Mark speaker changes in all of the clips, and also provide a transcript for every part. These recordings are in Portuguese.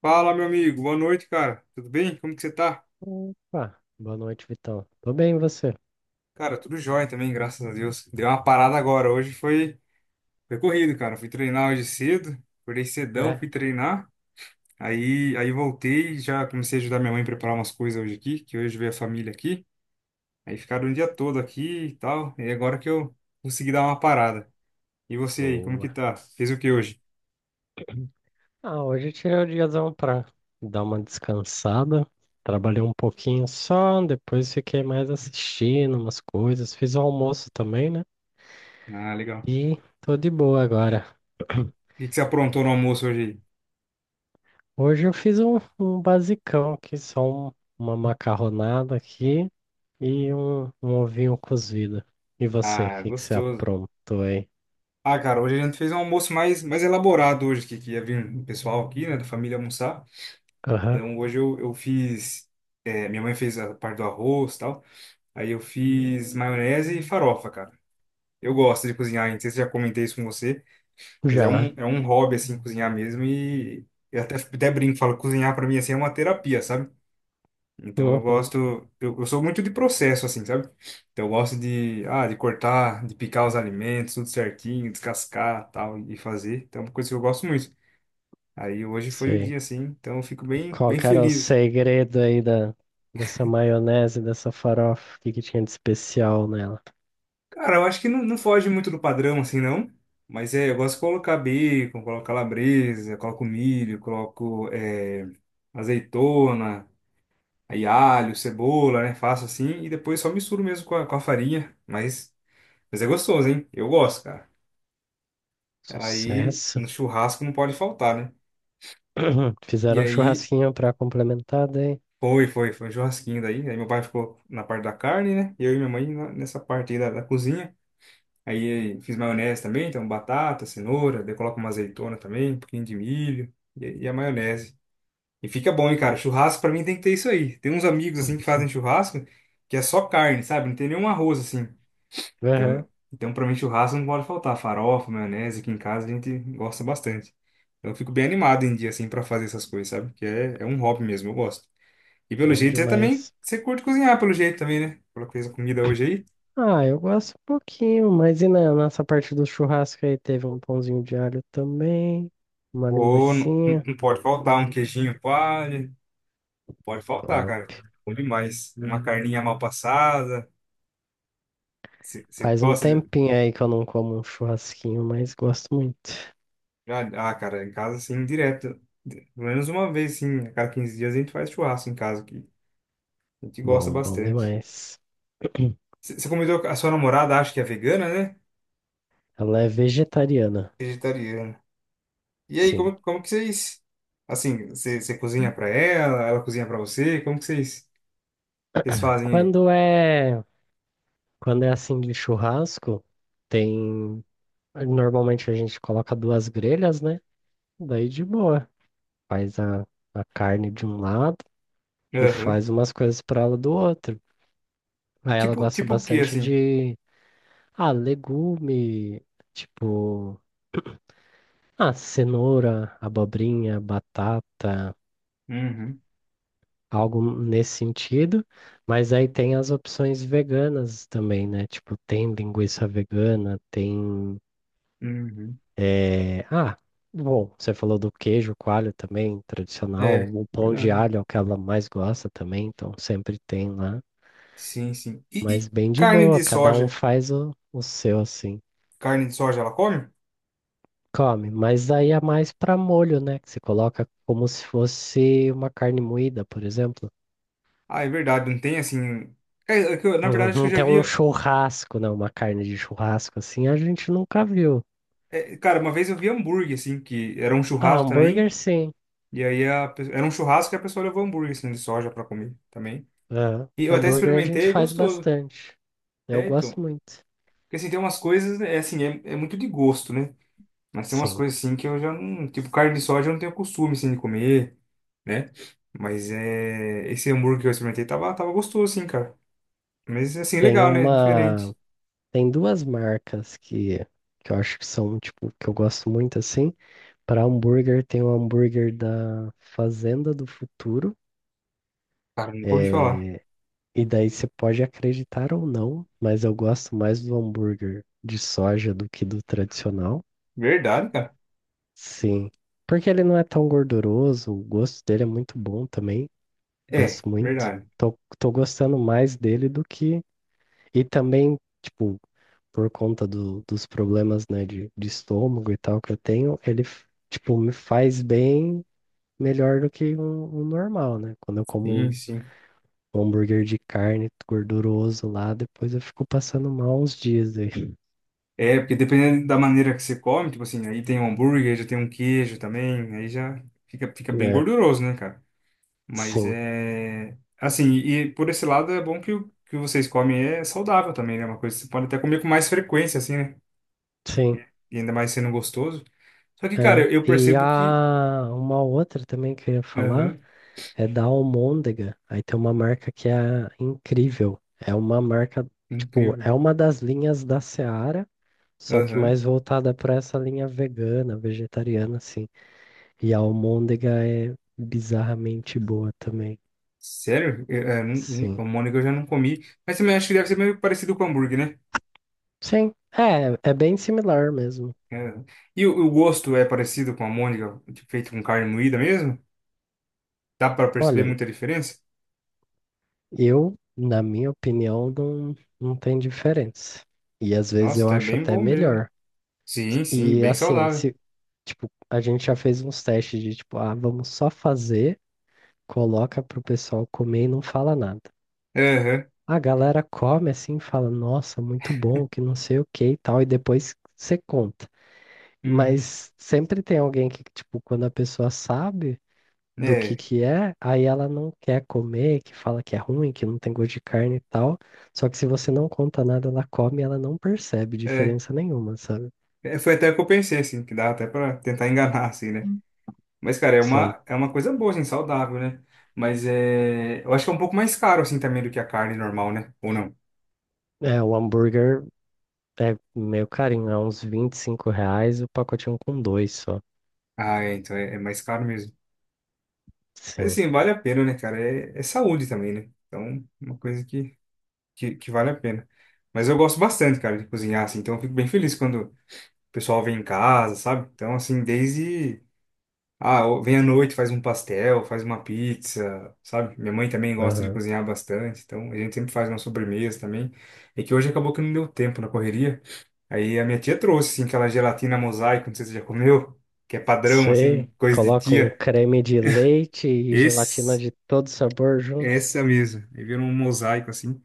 Speaker 1: Fala, meu amigo. Boa noite, cara. Tudo bem? Como que você tá?
Speaker 2: Opa, boa noite, Vitão. Tô bem, e você?
Speaker 1: Cara, tudo jóia também, graças a Deus. Deu uma parada agora. Hoje foi, corrido, cara. Fui treinar hoje cedo. Acordei cedão,
Speaker 2: É,
Speaker 1: fui treinar. Aí voltei, já comecei a ajudar minha mãe a preparar umas coisas hoje aqui, que hoje veio a família aqui. Aí ficaram o dia todo aqui e tal. E agora que eu consegui dar uma parada. E você aí, como que
Speaker 2: boa.
Speaker 1: tá? Fez o que hoje?
Speaker 2: Ah, hoje eu tirei o diazão pra dar uma descansada. Trabalhei um pouquinho só, depois fiquei mais assistindo umas coisas. Fiz o almoço também, né?
Speaker 1: Ah, legal.
Speaker 2: E tô de boa agora.
Speaker 1: E o que você aprontou no almoço hoje aí?
Speaker 2: Hoje eu fiz um basicão aqui, só um- uma macarronada aqui e um ovinho cozido. E você, o
Speaker 1: Ah,
Speaker 2: que que você
Speaker 1: gostoso.
Speaker 2: aprontou aí?
Speaker 1: Ah, cara, hoje a gente fez um almoço mais elaborado hoje, que ia vir o pessoal aqui, né, da família almoçar.
Speaker 2: Aham,
Speaker 1: Então hoje eu fiz, minha mãe fez a parte do arroz e tal, aí eu fiz maionese e farofa, cara. Eu gosto de cozinhar, não sei se já comentei isso com você, mas é um,
Speaker 2: já.
Speaker 1: é um hobby, assim, cozinhar mesmo e eu até brinco, falo, cozinhar pra mim, assim, é uma terapia, sabe? Então eu
Speaker 2: Uhum,
Speaker 1: gosto, eu sou muito de processo, assim, sabe? Então eu gosto de, ah, de cortar, de picar os alimentos, tudo certinho, descascar, tal, e fazer. Então é uma coisa que eu gosto muito. Aí hoje foi o
Speaker 2: sei.
Speaker 1: dia, assim, então eu fico bem,
Speaker 2: Qual
Speaker 1: bem
Speaker 2: que era o
Speaker 1: feliz.
Speaker 2: segredo aí dessa maionese, dessa farofa? O que que tinha de especial nela?
Speaker 1: Cara, eu acho que não foge muito do padrão, assim, não. Mas é, eu gosto de colocar bacon, coloco calabresa, coloco milho, coloco azeitona, aí alho, cebola, né? Faço assim e depois só misturo mesmo com com a farinha. Mas é gostoso, hein? Eu gosto, cara. Aí
Speaker 2: Sucesso.
Speaker 1: no churrasco não pode faltar, né? E
Speaker 2: Fizeram um
Speaker 1: aí
Speaker 2: churrasquinho pra complementar daí.
Speaker 1: foi um churrasquinho daí. Aí meu pai ficou na parte da carne, né? E eu e minha mãe nessa parte aí da cozinha. Aí fiz maionese também, então batata, cenoura, daí coloco uma azeitona também, um pouquinho de milho e a maionese. E fica bom, hein, cara? Churrasco pra mim tem que ter isso aí. Tem uns amigos assim que fazem churrasco que é só carne, sabe? Não tem nenhum arroz assim.
Speaker 2: Aham,
Speaker 1: Então para mim, churrasco não pode faltar. Farofa, maionese, aqui em casa a gente gosta bastante. Então, eu fico bem animado em dia, assim, para fazer essas coisas, sabe? Que é um hobby mesmo, eu gosto. E pelo
Speaker 2: bom
Speaker 1: jeito, você também,
Speaker 2: demais.
Speaker 1: você curte cozinhar, pelo jeito também, né? Pela coisa comida hoje aí.
Speaker 2: Ah, eu gosto um pouquinho, mas e na nossa parte do churrasco aí teve um pãozinho de alho também, uma
Speaker 1: Ou não,
Speaker 2: linguicinha.
Speaker 1: não pode faltar um queijinho palha. Pode faltar,
Speaker 2: Ó,
Speaker 1: cara. Bom demais. Uma carninha mal passada. Você
Speaker 2: faz um
Speaker 1: gosta de...
Speaker 2: tempinho aí que eu não como um churrasquinho, mas gosto muito.
Speaker 1: Ah, ah, cara, em casa, assim, direto. Pelo menos uma vez, sim. A cada 15 dias a gente faz churrasco em casa aqui. A gente gosta
Speaker 2: Bom, bom
Speaker 1: bastante.
Speaker 2: demais.
Speaker 1: Você comentou que a sua namorada acha que é vegana, né?
Speaker 2: Ela é vegetariana,
Speaker 1: Vegetariana. E aí,
Speaker 2: sim.
Speaker 1: como que vocês. Assim, você cozinha pra ela, ela cozinha pra você? Como que vocês fazem aí?
Speaker 2: Quando é, quando é assim de churrasco, tem. Normalmente a gente coloca duas grelhas, né? Daí de boa. Faz a carne de um lado e
Speaker 1: Aham.
Speaker 2: faz umas coisas para ela do outro. Aí ela
Speaker 1: Tipo,
Speaker 2: gosta
Speaker 1: tipo o quê,
Speaker 2: bastante
Speaker 1: assim?
Speaker 2: de. Ah, legume. Tipo. Ah, cenoura, abobrinha, batata.
Speaker 1: Uhum,
Speaker 2: Algo nesse sentido. Mas aí tem as opções veganas também, né? Tipo, tem linguiça vegana, tem.
Speaker 1: uhum.
Speaker 2: É, ah, bom, você falou do queijo coalho também, tradicional.
Speaker 1: É,
Speaker 2: O pão de
Speaker 1: verdade.
Speaker 2: alho é o que ela mais gosta também, então sempre tem lá.
Speaker 1: Sim, sim. E,
Speaker 2: Mas
Speaker 1: e
Speaker 2: bem de
Speaker 1: carne
Speaker 2: boa,
Speaker 1: de
Speaker 2: cada um
Speaker 1: soja?
Speaker 2: faz o seu assim.
Speaker 1: Carne de soja ela come?
Speaker 2: Come, mas aí é mais pra molho, né? Que você coloca como se fosse uma carne moída, por exemplo.
Speaker 1: Ah, é verdade, não tem assim. É, é que na verdade, acho que eu
Speaker 2: Não
Speaker 1: já
Speaker 2: tem um
Speaker 1: via.
Speaker 2: churrasco, né? Uma carne de churrasco assim, a gente nunca viu.
Speaker 1: É, cara, uma vez eu vi hambúrguer, assim, que era um
Speaker 2: Ah,
Speaker 1: churrasco
Speaker 2: hambúrguer
Speaker 1: também.
Speaker 2: sim.
Speaker 1: E aí era um churrasco e a pessoa levou hambúrguer, assim, de soja pra comer também.
Speaker 2: Aham.
Speaker 1: E eu até
Speaker 2: Hambúrguer a gente
Speaker 1: experimentei, é
Speaker 2: faz
Speaker 1: gostoso.
Speaker 2: bastante. Eu
Speaker 1: É, então.
Speaker 2: gosto muito.
Speaker 1: Porque assim, tem umas coisas, é assim, é muito de gosto, né? Mas tem umas
Speaker 2: Sim.
Speaker 1: coisas assim que eu já não. Tipo, carne de soja eu não tenho costume assim de comer, né? Mas é. Esse hambúrguer que eu experimentei tava gostoso, assim, cara. Mas assim,
Speaker 2: Tem
Speaker 1: legal, né?
Speaker 2: uma.
Speaker 1: Diferente.
Speaker 2: Tem duas marcas que eu acho que são, tipo, que eu gosto muito assim. Para hambúrguer, tem o hambúrguer da Fazenda do Futuro.
Speaker 1: Cara, nunca ouvi falar.
Speaker 2: É, e daí você pode acreditar ou não, mas eu gosto mais do hambúrguer de soja do que do tradicional.
Speaker 1: Verdade, cara.
Speaker 2: Sim. Porque ele não é tão gorduroso, o gosto dele é muito bom também.
Speaker 1: É,
Speaker 2: Gosto muito.
Speaker 1: verdade.
Speaker 2: Tô gostando mais dele do que e também, tipo, por conta dos problemas, né, de estômago e tal que eu tenho, ele, tipo, me faz bem melhor do que um normal, né? Quando eu
Speaker 1: Sim,
Speaker 2: como
Speaker 1: sim.
Speaker 2: um hambúrguer de carne gorduroso lá, depois eu fico passando mal uns dias aí.
Speaker 1: É, porque dependendo da maneira que você come, tipo assim, aí tem um hambúrguer, já tem um queijo também, aí já fica bem
Speaker 2: É,
Speaker 1: gorduroso, né, cara? Mas
Speaker 2: sim,
Speaker 1: é. Assim, e por esse lado é bom que o que vocês comem é saudável também, né? É uma coisa que você pode até comer com mais frequência, assim, né?
Speaker 2: sim,
Speaker 1: E ainda mais sendo gostoso. Só que, cara,
Speaker 2: é.
Speaker 1: eu
Speaker 2: E
Speaker 1: percebo que.
Speaker 2: a uma outra também que eu ia falar
Speaker 1: Aham,
Speaker 2: é da Almôndega. Aí tem uma marca que é incrível. É uma marca, tipo, é
Speaker 1: incrível.
Speaker 2: uma das linhas da Seara, só que
Speaker 1: Aham.
Speaker 2: mais voltada para essa linha vegana, vegetariana, assim. E a almôndega é bizarramente boa também.
Speaker 1: Sério? Eu, é,
Speaker 2: Sim.
Speaker 1: o Mônica eu já não comi. Mas também acho que deve ser meio parecido com hambúrguer, né?
Speaker 2: Sim, é bem similar mesmo.
Speaker 1: É. E o gosto é parecido com a Mônica, tipo, feito com carne moída mesmo? Dá pra perceber
Speaker 2: Olha,
Speaker 1: muita diferença?
Speaker 2: eu, na minha opinião, não, não tem diferença. E às vezes
Speaker 1: Nossa,
Speaker 2: eu
Speaker 1: tá
Speaker 2: acho
Speaker 1: bem
Speaker 2: até
Speaker 1: bom mesmo.
Speaker 2: melhor.
Speaker 1: Sim, sim,
Speaker 2: E
Speaker 1: bem
Speaker 2: assim,
Speaker 1: saudável.
Speaker 2: se, tipo, a gente já fez uns testes de tipo, ah, vamos só fazer, coloca pro pessoal comer e não fala nada.
Speaker 1: Aham.
Speaker 2: A galera come assim, fala, nossa, muito bom, que não sei o que e tal, e depois você conta.
Speaker 1: Uhum.
Speaker 2: Mas sempre tem alguém que, tipo, quando a pessoa sabe do
Speaker 1: É.
Speaker 2: que é, aí ela não quer comer, que fala que é ruim, que não tem gosto de carne e tal. Só que se você não conta nada, ela come e ela não percebe
Speaker 1: É,
Speaker 2: diferença nenhuma, sabe?
Speaker 1: É, foi até o que eu pensei, assim, que dá até pra tentar enganar, assim, né?
Speaker 2: Hum.
Speaker 1: Mas, cara, é
Speaker 2: Sim.
Speaker 1: uma, é uma coisa boa, assim, saudável, né? Mas é, eu acho que é um pouco mais caro, assim, também do que a carne normal, né? Ou não?
Speaker 2: É, o hambúrguer é meio carinho, é uns R$ 25, o pacotinho com dois só.
Speaker 1: Ah, é, então é mais caro mesmo. Mas,
Speaker 2: Sim.
Speaker 1: assim, vale a pena, né, cara? É, é saúde também, né? Então, uma coisa que vale a pena. Mas eu gosto bastante, cara, de cozinhar, assim, então eu fico bem feliz quando o pessoal vem em casa, sabe? Então, assim, desde. Ah, ou vem à noite, faz um pastel, faz uma pizza, sabe? Minha mãe também gosta de cozinhar bastante, então a gente sempre faz uma sobremesa também. É que hoje acabou que não deu tempo na correria. Aí a minha tia trouxe, assim, aquela gelatina mosaico, não sei se você já comeu, que é padrão, assim,
Speaker 2: Sei,
Speaker 1: coisa de
Speaker 2: coloca um
Speaker 1: tia.
Speaker 2: creme de leite e gelatina
Speaker 1: Esse,
Speaker 2: de todo sabor junto.
Speaker 1: essa mesmo. Aí virou um mosaico, assim.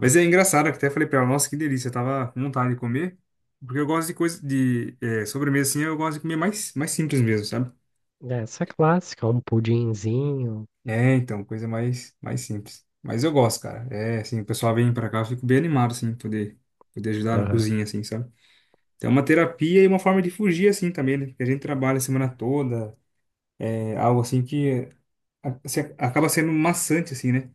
Speaker 1: Mas é engraçado, que até falei pra ela, nossa, que delícia, eu tava com vontade de comer. Porque eu gosto de coisa, de sobremesa, assim, eu gosto de comer mais simples mesmo, sabe?
Speaker 2: É, essa é clássica, um pudinzinho.
Speaker 1: É, então, coisa mais simples. Mas eu gosto, cara. É, assim, o pessoal vem pra cá, eu fico bem animado, assim, poder ajudar na
Speaker 2: Aham.
Speaker 1: cozinha, assim, sabe? Então, é uma terapia e uma forma de fugir, assim, também, né? Porque a gente trabalha a semana toda, é algo assim que acaba sendo maçante, assim, né?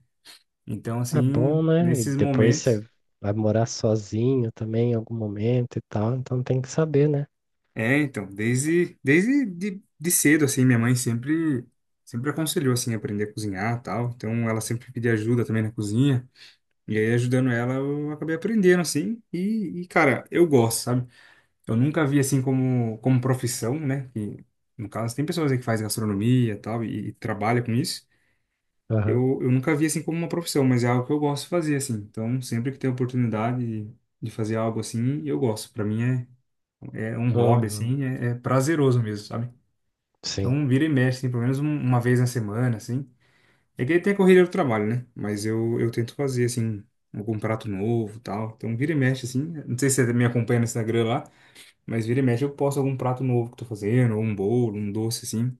Speaker 1: Então,
Speaker 2: É bom,
Speaker 1: assim,
Speaker 2: né? E
Speaker 1: nesses
Speaker 2: depois você
Speaker 1: momentos.
Speaker 2: vai morar sozinho também em algum momento e tal, então tem que saber, né?
Speaker 1: É, então, de cedo, assim, sempre aconselhou, assim, aprender a cozinhar e tal. Então, ela sempre pedia ajuda também na cozinha. E aí, ajudando ela, eu acabei aprendendo, assim. Cara, eu gosto, sabe? Eu nunca vi, assim, como profissão, né? Que, no caso, tem pessoas aí que fazem gastronomia e tal, e trabalha com isso.
Speaker 2: Aham.
Speaker 1: Eu nunca vi, assim, como uma profissão, mas é algo que eu gosto de fazer, assim. Então, sempre que tem oportunidade de fazer algo assim, eu gosto. Pra mim, é um hobby,
Speaker 2: Uhum.
Speaker 1: assim, é prazeroso mesmo, sabe?
Speaker 2: Sim,
Speaker 1: Então, vira e mexe, assim, pelo menos uma vez na semana, assim. É que tem a correria do trabalho, né? Mas eu tento fazer, assim, algum prato novo e tal. Então, vira e mexe, assim. Não sei se você me acompanha no Instagram lá, mas vira e mexe eu posto algum prato novo que eu tô fazendo, ou um bolo, um doce, assim.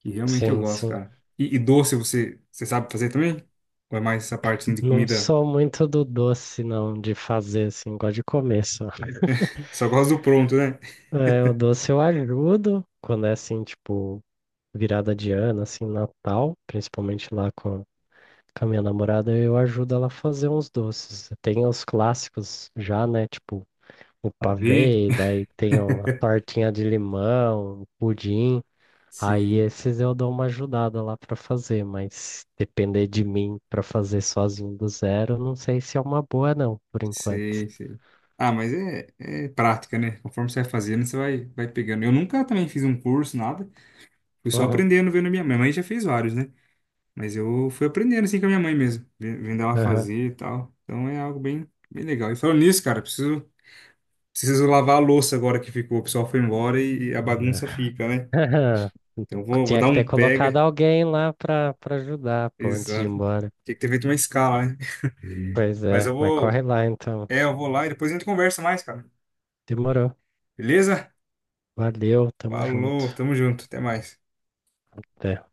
Speaker 1: Que realmente eu
Speaker 2: sim,
Speaker 1: gosto,
Speaker 2: sim.
Speaker 1: cara. E doce você sabe fazer também? Ou é mais essa parte, assim, de
Speaker 2: Não
Speaker 1: comida?
Speaker 2: sou muito do doce, não, de fazer assim, gosto de comer só.
Speaker 1: Só gosta do pronto, né?
Speaker 2: É, o doce eu ajudo quando é assim, tipo, virada de ano, assim, Natal, principalmente lá com a minha namorada, eu ajudo ela a fazer uns doces. Tem os clássicos já, né? Tipo, o
Speaker 1: Ver?
Speaker 2: pavê, daí tem a tortinha de limão, o pudim. Aí
Speaker 1: Sim,
Speaker 2: esses eu dou uma ajudada lá pra fazer, mas depender de mim pra fazer sozinho do zero, não sei se é uma boa não, por enquanto.
Speaker 1: sei, sei. Ah, mas é, é prática, né? Conforme você vai fazendo, vai pegando. Eu nunca também fiz um curso, nada. Fui só
Speaker 2: Uhum,
Speaker 1: aprendendo vendo minha mãe. Minha mãe já fez vários, né? Mas eu fui aprendendo assim com a minha mãe mesmo, vendo ela
Speaker 2: aham,
Speaker 1: fazer e tal. Então é algo bem legal. E falando nisso, cara, preciso lavar a louça agora que ficou. O pessoal foi embora e a
Speaker 2: né.
Speaker 1: bagunça fica, né? Então vou
Speaker 2: Tinha
Speaker 1: dar
Speaker 2: que ter
Speaker 1: um
Speaker 2: colocado
Speaker 1: pega.
Speaker 2: alguém lá pra para ajudar, pô, antes de ir
Speaker 1: Exato.
Speaker 2: embora.
Speaker 1: Tinha que ter feito uma escala, né?
Speaker 2: Pois
Speaker 1: Mas
Speaker 2: é,
Speaker 1: eu
Speaker 2: mas
Speaker 1: vou,
Speaker 2: corre lá então.
Speaker 1: é, eu vou lá e depois a gente conversa mais, cara.
Speaker 2: Demorou.
Speaker 1: Beleza?
Speaker 2: Valeu, tamo
Speaker 1: Falou,
Speaker 2: junto.
Speaker 1: tamo junto, até mais.
Speaker 2: Até.